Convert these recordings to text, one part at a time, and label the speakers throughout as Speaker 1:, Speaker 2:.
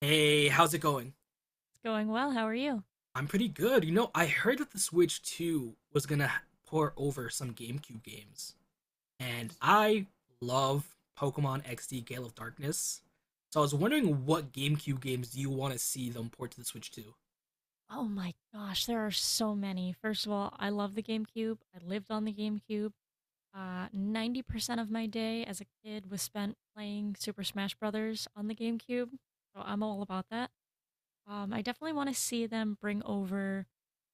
Speaker 1: Hey, how's it going?
Speaker 2: Going well. How are you?
Speaker 1: I'm pretty good. You know, I heard that the Switch 2 was gonna pour over some GameCube games, and I love Pokemon XD Gale of Darkness. So I was wondering what GameCube games do you want to see them port to the Switch 2?
Speaker 2: Oh my gosh, there are so many. First of all, I love the GameCube. I lived on the GameCube. 90% of my day as a kid was spent playing Super Smash Brothers on the GameCube. So I'm all about that. I definitely want to see them bring over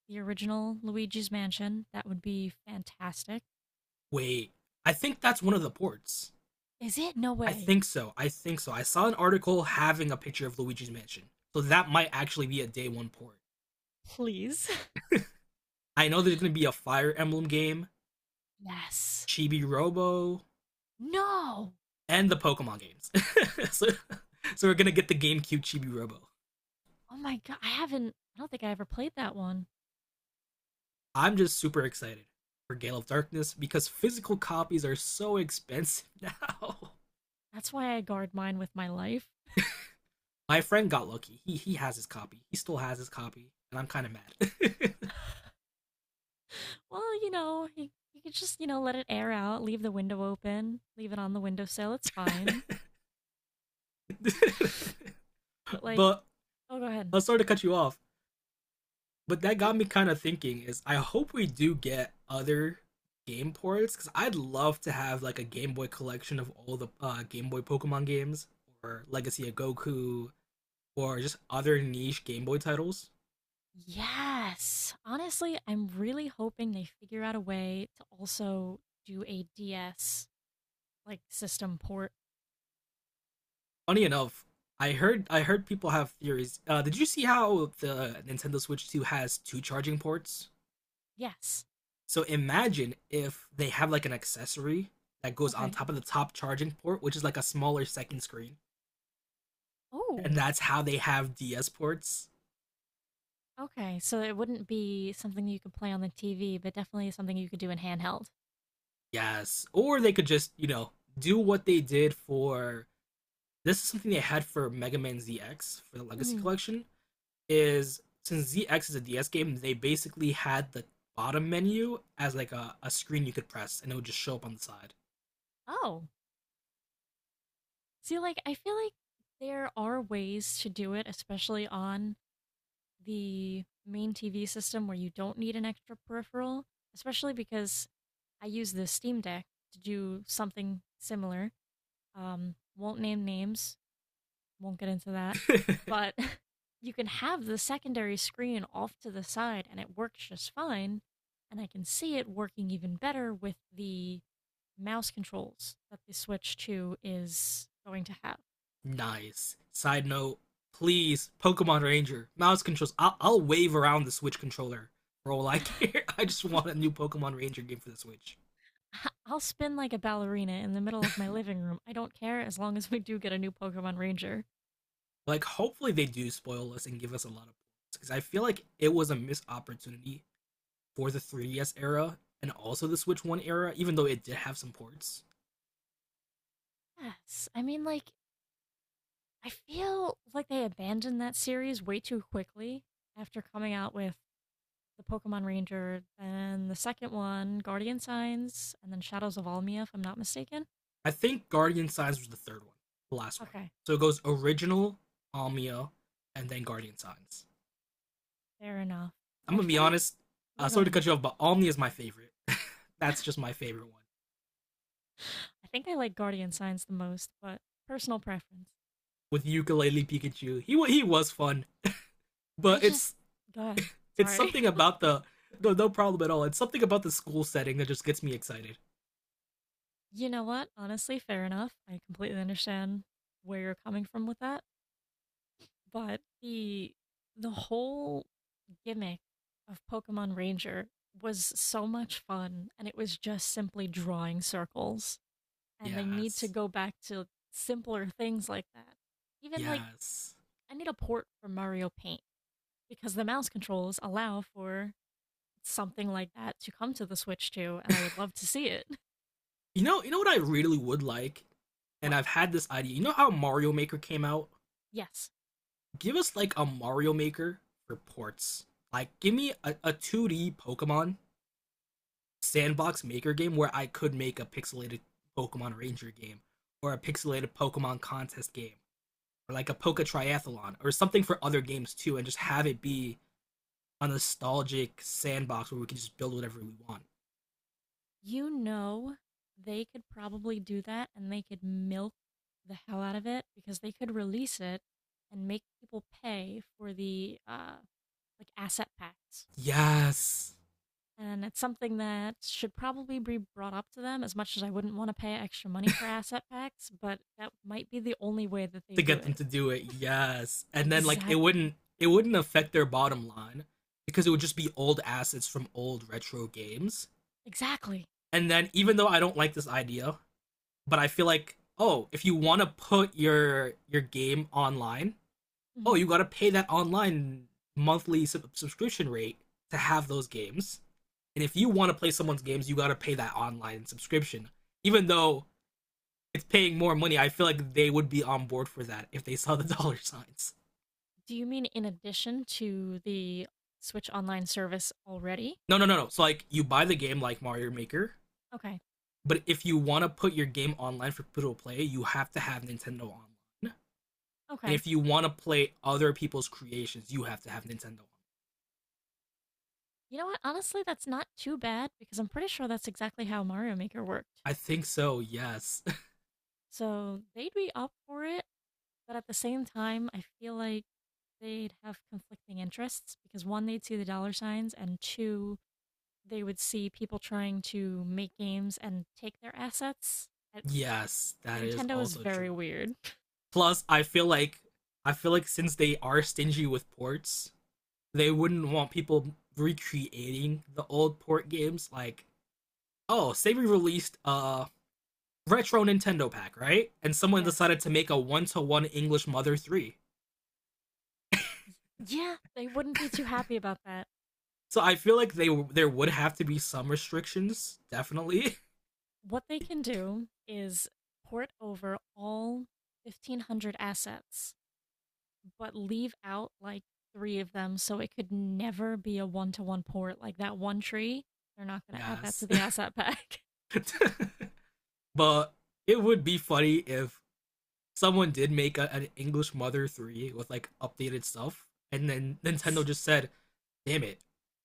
Speaker 2: the original Luigi's Mansion. That would be fantastic.
Speaker 1: Wait, I think that's one of the ports.
Speaker 2: Is it? No
Speaker 1: I
Speaker 2: way.
Speaker 1: think so. I think so. I saw an article having a picture of Luigi's Mansion. So that might actually be a day one port.
Speaker 2: Please.
Speaker 1: I know there's gonna be a Fire Emblem game,
Speaker 2: Yes.
Speaker 1: Chibi Robo,
Speaker 2: No.
Speaker 1: and the Pokemon games. so, so we're gonna get the GameCube Chibi Robo.
Speaker 2: Oh my god, I don't think I ever played that one.
Speaker 1: I'm just super excited for Gale of Darkness because physical copies are so expensive now.
Speaker 2: That's why I guard mine with my life.
Speaker 1: My friend got lucky. He has his copy. He still has his copy, and I'm kind of mad.
Speaker 2: Well, you could just, let it air out, leave the window open, leave it on the windowsill, it's fine. But like,
Speaker 1: but
Speaker 2: oh, go ahead.
Speaker 1: I'm sorry to cut you off. But that
Speaker 2: It's
Speaker 1: got me
Speaker 2: okay.
Speaker 1: kind of thinking. Is I hope we do get other game ports because I'd love to have like a Game Boy collection of all the Game Boy Pokemon games, or Legacy of Goku, or just other niche Game Boy titles.
Speaker 2: Yes. Honestly, I'm really hoping they figure out a way to also do a DS like system port.
Speaker 1: Funny enough, I heard people have theories. Did you see how the Nintendo Switch 2 has two charging ports?
Speaker 2: Yes.
Speaker 1: So imagine if they have like an accessory that goes on
Speaker 2: Okay.
Speaker 1: top of the top charging port, which is like a smaller second screen, and
Speaker 2: Oh,
Speaker 1: that's how they have DS ports.
Speaker 2: okay. So it wouldn't be something you could play on the TV, but definitely something you could do in handheld.
Speaker 1: Yes, or they could just, you know, do what they did for, this is something they had for Mega Man ZX for the Legacy
Speaker 2: Hmm.
Speaker 1: Collection. Is, since ZX is a DS game, they basically had the bottom menu as like a screen you could press and it would just show up on the
Speaker 2: Oh, see, like, I feel like there are ways to do it, especially on the main TV system where you don't need an extra peripheral, especially because I use the Steam Deck to do something similar. Won't name names, won't get into that,
Speaker 1: side.
Speaker 2: but you can have the secondary screen off to the side and it works just fine. And I can see it working even better with the mouse controls that the Switch 2 is going to have.
Speaker 1: Nice. Side note, please, Pokemon Ranger, mouse controls. I'll wave around the Switch controller for all I care. I just want a new Pokemon Ranger game for the Switch.
Speaker 2: I'll spin like a ballerina in the middle of my living room. I don't care as long as we do get a new Pokemon Ranger.
Speaker 1: Like, hopefully they do spoil us and give us a lot of points because I feel like it was a missed opportunity for the 3DS era and also the Switch 1 era, even though it did have some ports.
Speaker 2: Yes. I mean, like, I feel like they abandoned that series way too quickly after coming out with the Pokemon Ranger and the second one, Guardian Signs, and then Shadows of Almia, if I'm not mistaken.
Speaker 1: I think Guardian Signs was the third one, the last one.
Speaker 2: Okay,
Speaker 1: So it goes original, Almia, and then Guardian Signs.
Speaker 2: fair enough. But
Speaker 1: I'm
Speaker 2: I
Speaker 1: gonna be
Speaker 2: feel like,
Speaker 1: honest.
Speaker 2: yeah, go
Speaker 1: Sorry to
Speaker 2: ahead.
Speaker 1: cut you off, but Omni is my favorite. That's just my favorite one
Speaker 2: I think I like Guardian Signs the most, but personal preference.
Speaker 1: with ukulele Pikachu. He was fun,
Speaker 2: I
Speaker 1: but
Speaker 2: just,
Speaker 1: it's
Speaker 2: go ahead.
Speaker 1: it's
Speaker 2: Sorry.
Speaker 1: something about the, no, no problem at all. It's something about the school setting that just gets me excited.
Speaker 2: You know what? Honestly, fair enough. I completely understand where you're coming from with that. But the whole gimmick of Pokemon Ranger was so much fun and it was just simply drawing circles. And they need to
Speaker 1: Yes,
Speaker 2: go back to simpler things like that. Even like
Speaker 1: yes.
Speaker 2: I need a port for Mario Paint because the mouse controls allow for something like that to come to the Switch too, and I would love to see it.
Speaker 1: You know, what I really would like, and
Speaker 2: What?
Speaker 1: I've had this idea. You know how Mario Maker came out,
Speaker 2: Yes.
Speaker 1: give us like a Mario Maker for ports. Like, give me a 2D Pokemon sandbox maker game where I could make a pixelated Pokemon Ranger game or a pixelated Pokemon contest game or like a Poke
Speaker 2: Oh,
Speaker 1: Triathlon or something for other games too and just have it be a nostalgic sandbox where we can just build whatever we want.
Speaker 2: you know, they could probably do that and they could milk the hell out of it because they could release it and make people pay for the like asset packs.
Speaker 1: Yes.
Speaker 2: And it's something that should probably be brought up to them as much as I wouldn't want to pay extra money for asset packs, but that might be the only way that they
Speaker 1: To
Speaker 2: do
Speaker 1: get them
Speaker 2: it.
Speaker 1: to do it. Yes. And then like it
Speaker 2: Exactly.
Speaker 1: wouldn't it wouldn't affect their bottom line because it would just be old assets from old retro games.
Speaker 2: Exactly.
Speaker 1: And then even though I don't like this idea, but I feel like, oh, if you want to put your game online, oh,
Speaker 2: Hmm.
Speaker 1: you got to pay that online monthly subscription rate to have those games. And if you want to play someone's games, you got to pay that online subscription. Even though it's paying more money, I feel like they would be on board for that if they saw the dollar signs.
Speaker 2: Do you mean in addition to the Switch Online service already?
Speaker 1: No, no, no, no. So like you buy the game like Mario Maker,
Speaker 2: Okay.
Speaker 1: but if you want to put your game online for people to play, you have to have Nintendo online. And
Speaker 2: Okay.
Speaker 1: if you want to play other people's creations, you have to have Nintendo.
Speaker 2: You know what? Honestly, that's not too bad because I'm pretty sure that's exactly how Mario Maker worked.
Speaker 1: I think so. Yes.
Speaker 2: So they'd be up for it, but at the same time, I feel like they'd have conflicting interests because one, they'd see the dollar signs, and two, they would see people trying to make games and take their assets. Uh,
Speaker 1: Yes, that is
Speaker 2: Nintendo is
Speaker 1: also
Speaker 2: very
Speaker 1: true.
Speaker 2: weird.
Speaker 1: Plus, I feel like since they are stingy with ports, they wouldn't want people recreating the old port games like, oh, say we released a retro Nintendo pack, right? And someone
Speaker 2: Yes.
Speaker 1: decided to make a one-to-one English Mother 3.
Speaker 2: Yeah, they wouldn't be too happy about that.
Speaker 1: So I feel like they there would have to be some restrictions, definitely.
Speaker 2: What they can do is port over all 1,500 assets but leave out like three of them so it could never be a one to one port. Like that one tree, they're not going to add that
Speaker 1: Yes.
Speaker 2: to the asset pack.
Speaker 1: But it would be funny if someone did make an English Mother 3 with like updated stuff, and then Nintendo just said, "Damn it,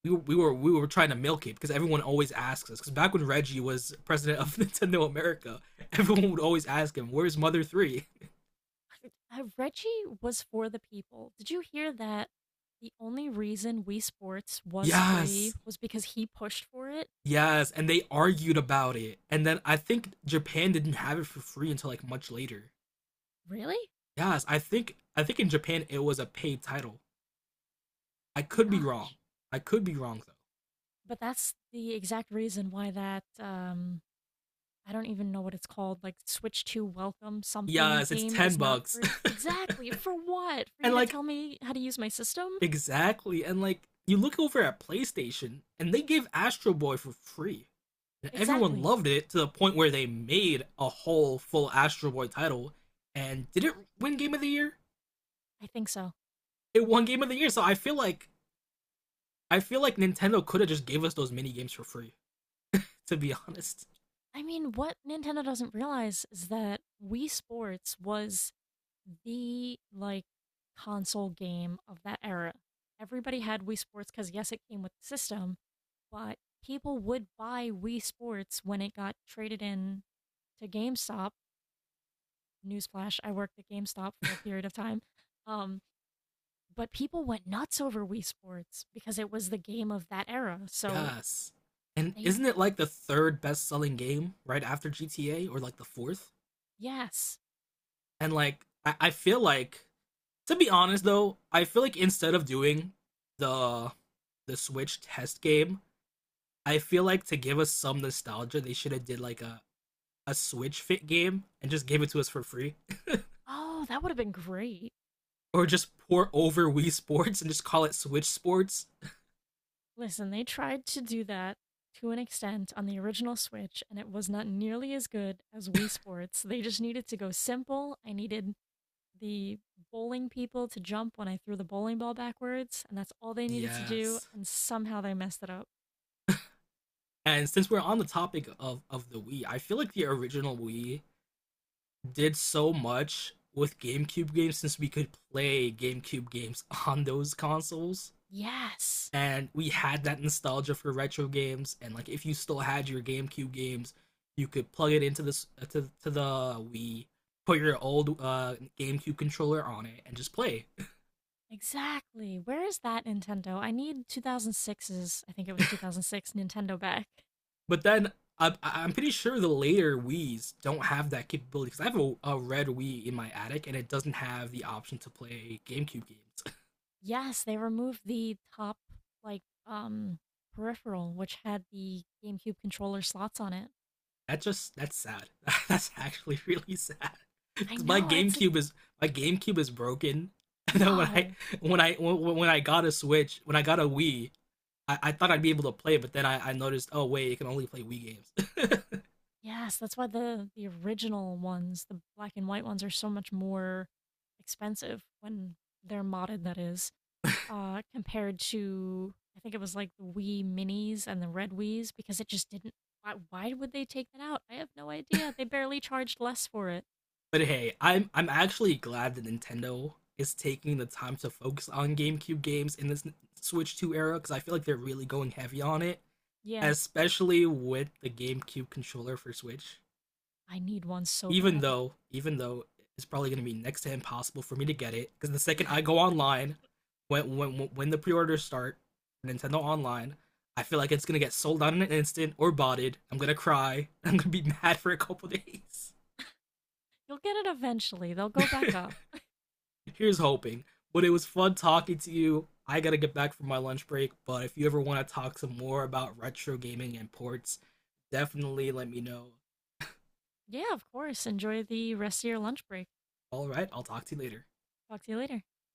Speaker 1: we were trying to milk it because everyone always asks us." Because back when Reggie was president of Nintendo America, everyone would always ask him, "Where's Mother 3?"
Speaker 2: Reggie was for the people. Did you hear that? The only reason Wii Sports was free
Speaker 1: Yes,
Speaker 2: was because he pushed for it.
Speaker 1: yes, and they argued about it, and then I think Japan didn't have it for free until like much later.
Speaker 2: Really?
Speaker 1: Yes, I think in Japan it was a paid title. I
Speaker 2: My
Speaker 1: could be
Speaker 2: gosh.
Speaker 1: wrong. I could be wrong though.
Speaker 2: But that's the exact reason why that I don't even know what it's called, like Switch Two Welcome something
Speaker 1: Yes, it's
Speaker 2: game
Speaker 1: 10
Speaker 2: is not
Speaker 1: bucks.
Speaker 2: free. Exactly. For what? For you
Speaker 1: And
Speaker 2: to
Speaker 1: like,
Speaker 2: tell me how to use my system?
Speaker 1: exactly. And like you look over at PlayStation and they gave Astro Boy for free. And everyone
Speaker 2: Exactly.
Speaker 1: loved it to the point where they made a whole full Astro Boy title and did it win game of the year?
Speaker 2: I think so.
Speaker 1: It won game of the year. So I feel like Nintendo could have just gave us those mini games for free, to be honest.
Speaker 2: I mean, what Nintendo doesn't realize is that Wii Sports was the like console game of that era. Everybody had Wii Sports because yes, it came with the system, but people would buy Wii Sports when it got traded in to GameStop. Newsflash: I worked at GameStop for a period of time, um, but people went nuts over Wii Sports because it was the game of that era. So
Speaker 1: Yes. And
Speaker 2: they,
Speaker 1: isn't it like the third best selling game right after GTA or like the fourth?
Speaker 2: yes,
Speaker 1: And like I feel like, to be honest though, I feel like instead of doing the the Switch test game, I feel like to give us some nostalgia, they should have did like a Switch fit game and just gave it to us for free,
Speaker 2: oh, that would have been great.
Speaker 1: or just pour over Wii Sports and just call it Switch Sports.
Speaker 2: Listen, they tried to do that to an extent on the original Switch, and it was not nearly as good as Wii Sports. They just needed to go simple. I needed the bowling people to jump when I threw the bowling ball backwards, and that's all they needed to do,
Speaker 1: Yes.
Speaker 2: and somehow they messed it up.
Speaker 1: And since we're on the topic of the Wii, I feel like the original Wii did so much with GameCube games since we could play GameCube games on those consoles
Speaker 2: Yes,
Speaker 1: and we had that nostalgia for retro games and like if you still had your GameCube games, you could plug it into this to the Wii, put your old GameCube controller on it and just play.
Speaker 2: exactly. Where is that Nintendo? I need 2006's, I think it was 2006 Nintendo back.
Speaker 1: But then, I'm pretty sure the later Wii's don't have that capability because I have a red Wii in my attic and it doesn't have the option to play GameCube games.
Speaker 2: Yes, they removed the top, like, peripheral, which had the GameCube controller slots on it.
Speaker 1: That's sad. That's actually really sad.
Speaker 2: I
Speaker 1: Because
Speaker 2: know it's like
Speaker 1: My GameCube is broken. And then
Speaker 2: no.
Speaker 1: when I got when I got a Wii, I thought I'd be able to play it, but then I noticed, oh wait, it can only play Wii games.
Speaker 2: Yes, that's why the original ones, the black and white ones, are so much more expensive when they're modded. That is, compared to I think it was like the Wii Minis and the Red Wii's because it just didn't. Why would they take that out? I have no idea. They barely charged less for it.
Speaker 1: But hey, I'm actually glad that Nintendo is taking the time to focus on GameCube games in this Switch 2 era because I feel like they're really going heavy on it,
Speaker 2: Yeah,
Speaker 1: especially with the GameCube controller for Switch.
Speaker 2: I need one so
Speaker 1: even
Speaker 2: bad.
Speaker 1: though even though it's probably going to be next to impossible for me to get it because the second I go online, when the pre-orders start, Nintendo Online, I feel like it's gonna get sold out in an instant or botted. I'm gonna cry. I'm gonna be mad for a couple days.
Speaker 2: You'll get it eventually. They'll go back up.
Speaker 1: Here's hoping. But it was fun talking to you. I gotta get back from my lunch break. But if you ever want to talk some more about retro gaming and ports, definitely let me know.
Speaker 2: Yeah, of course. Enjoy the rest of your lunch break.
Speaker 1: All right, I'll talk to you later.
Speaker 2: Talk to you later.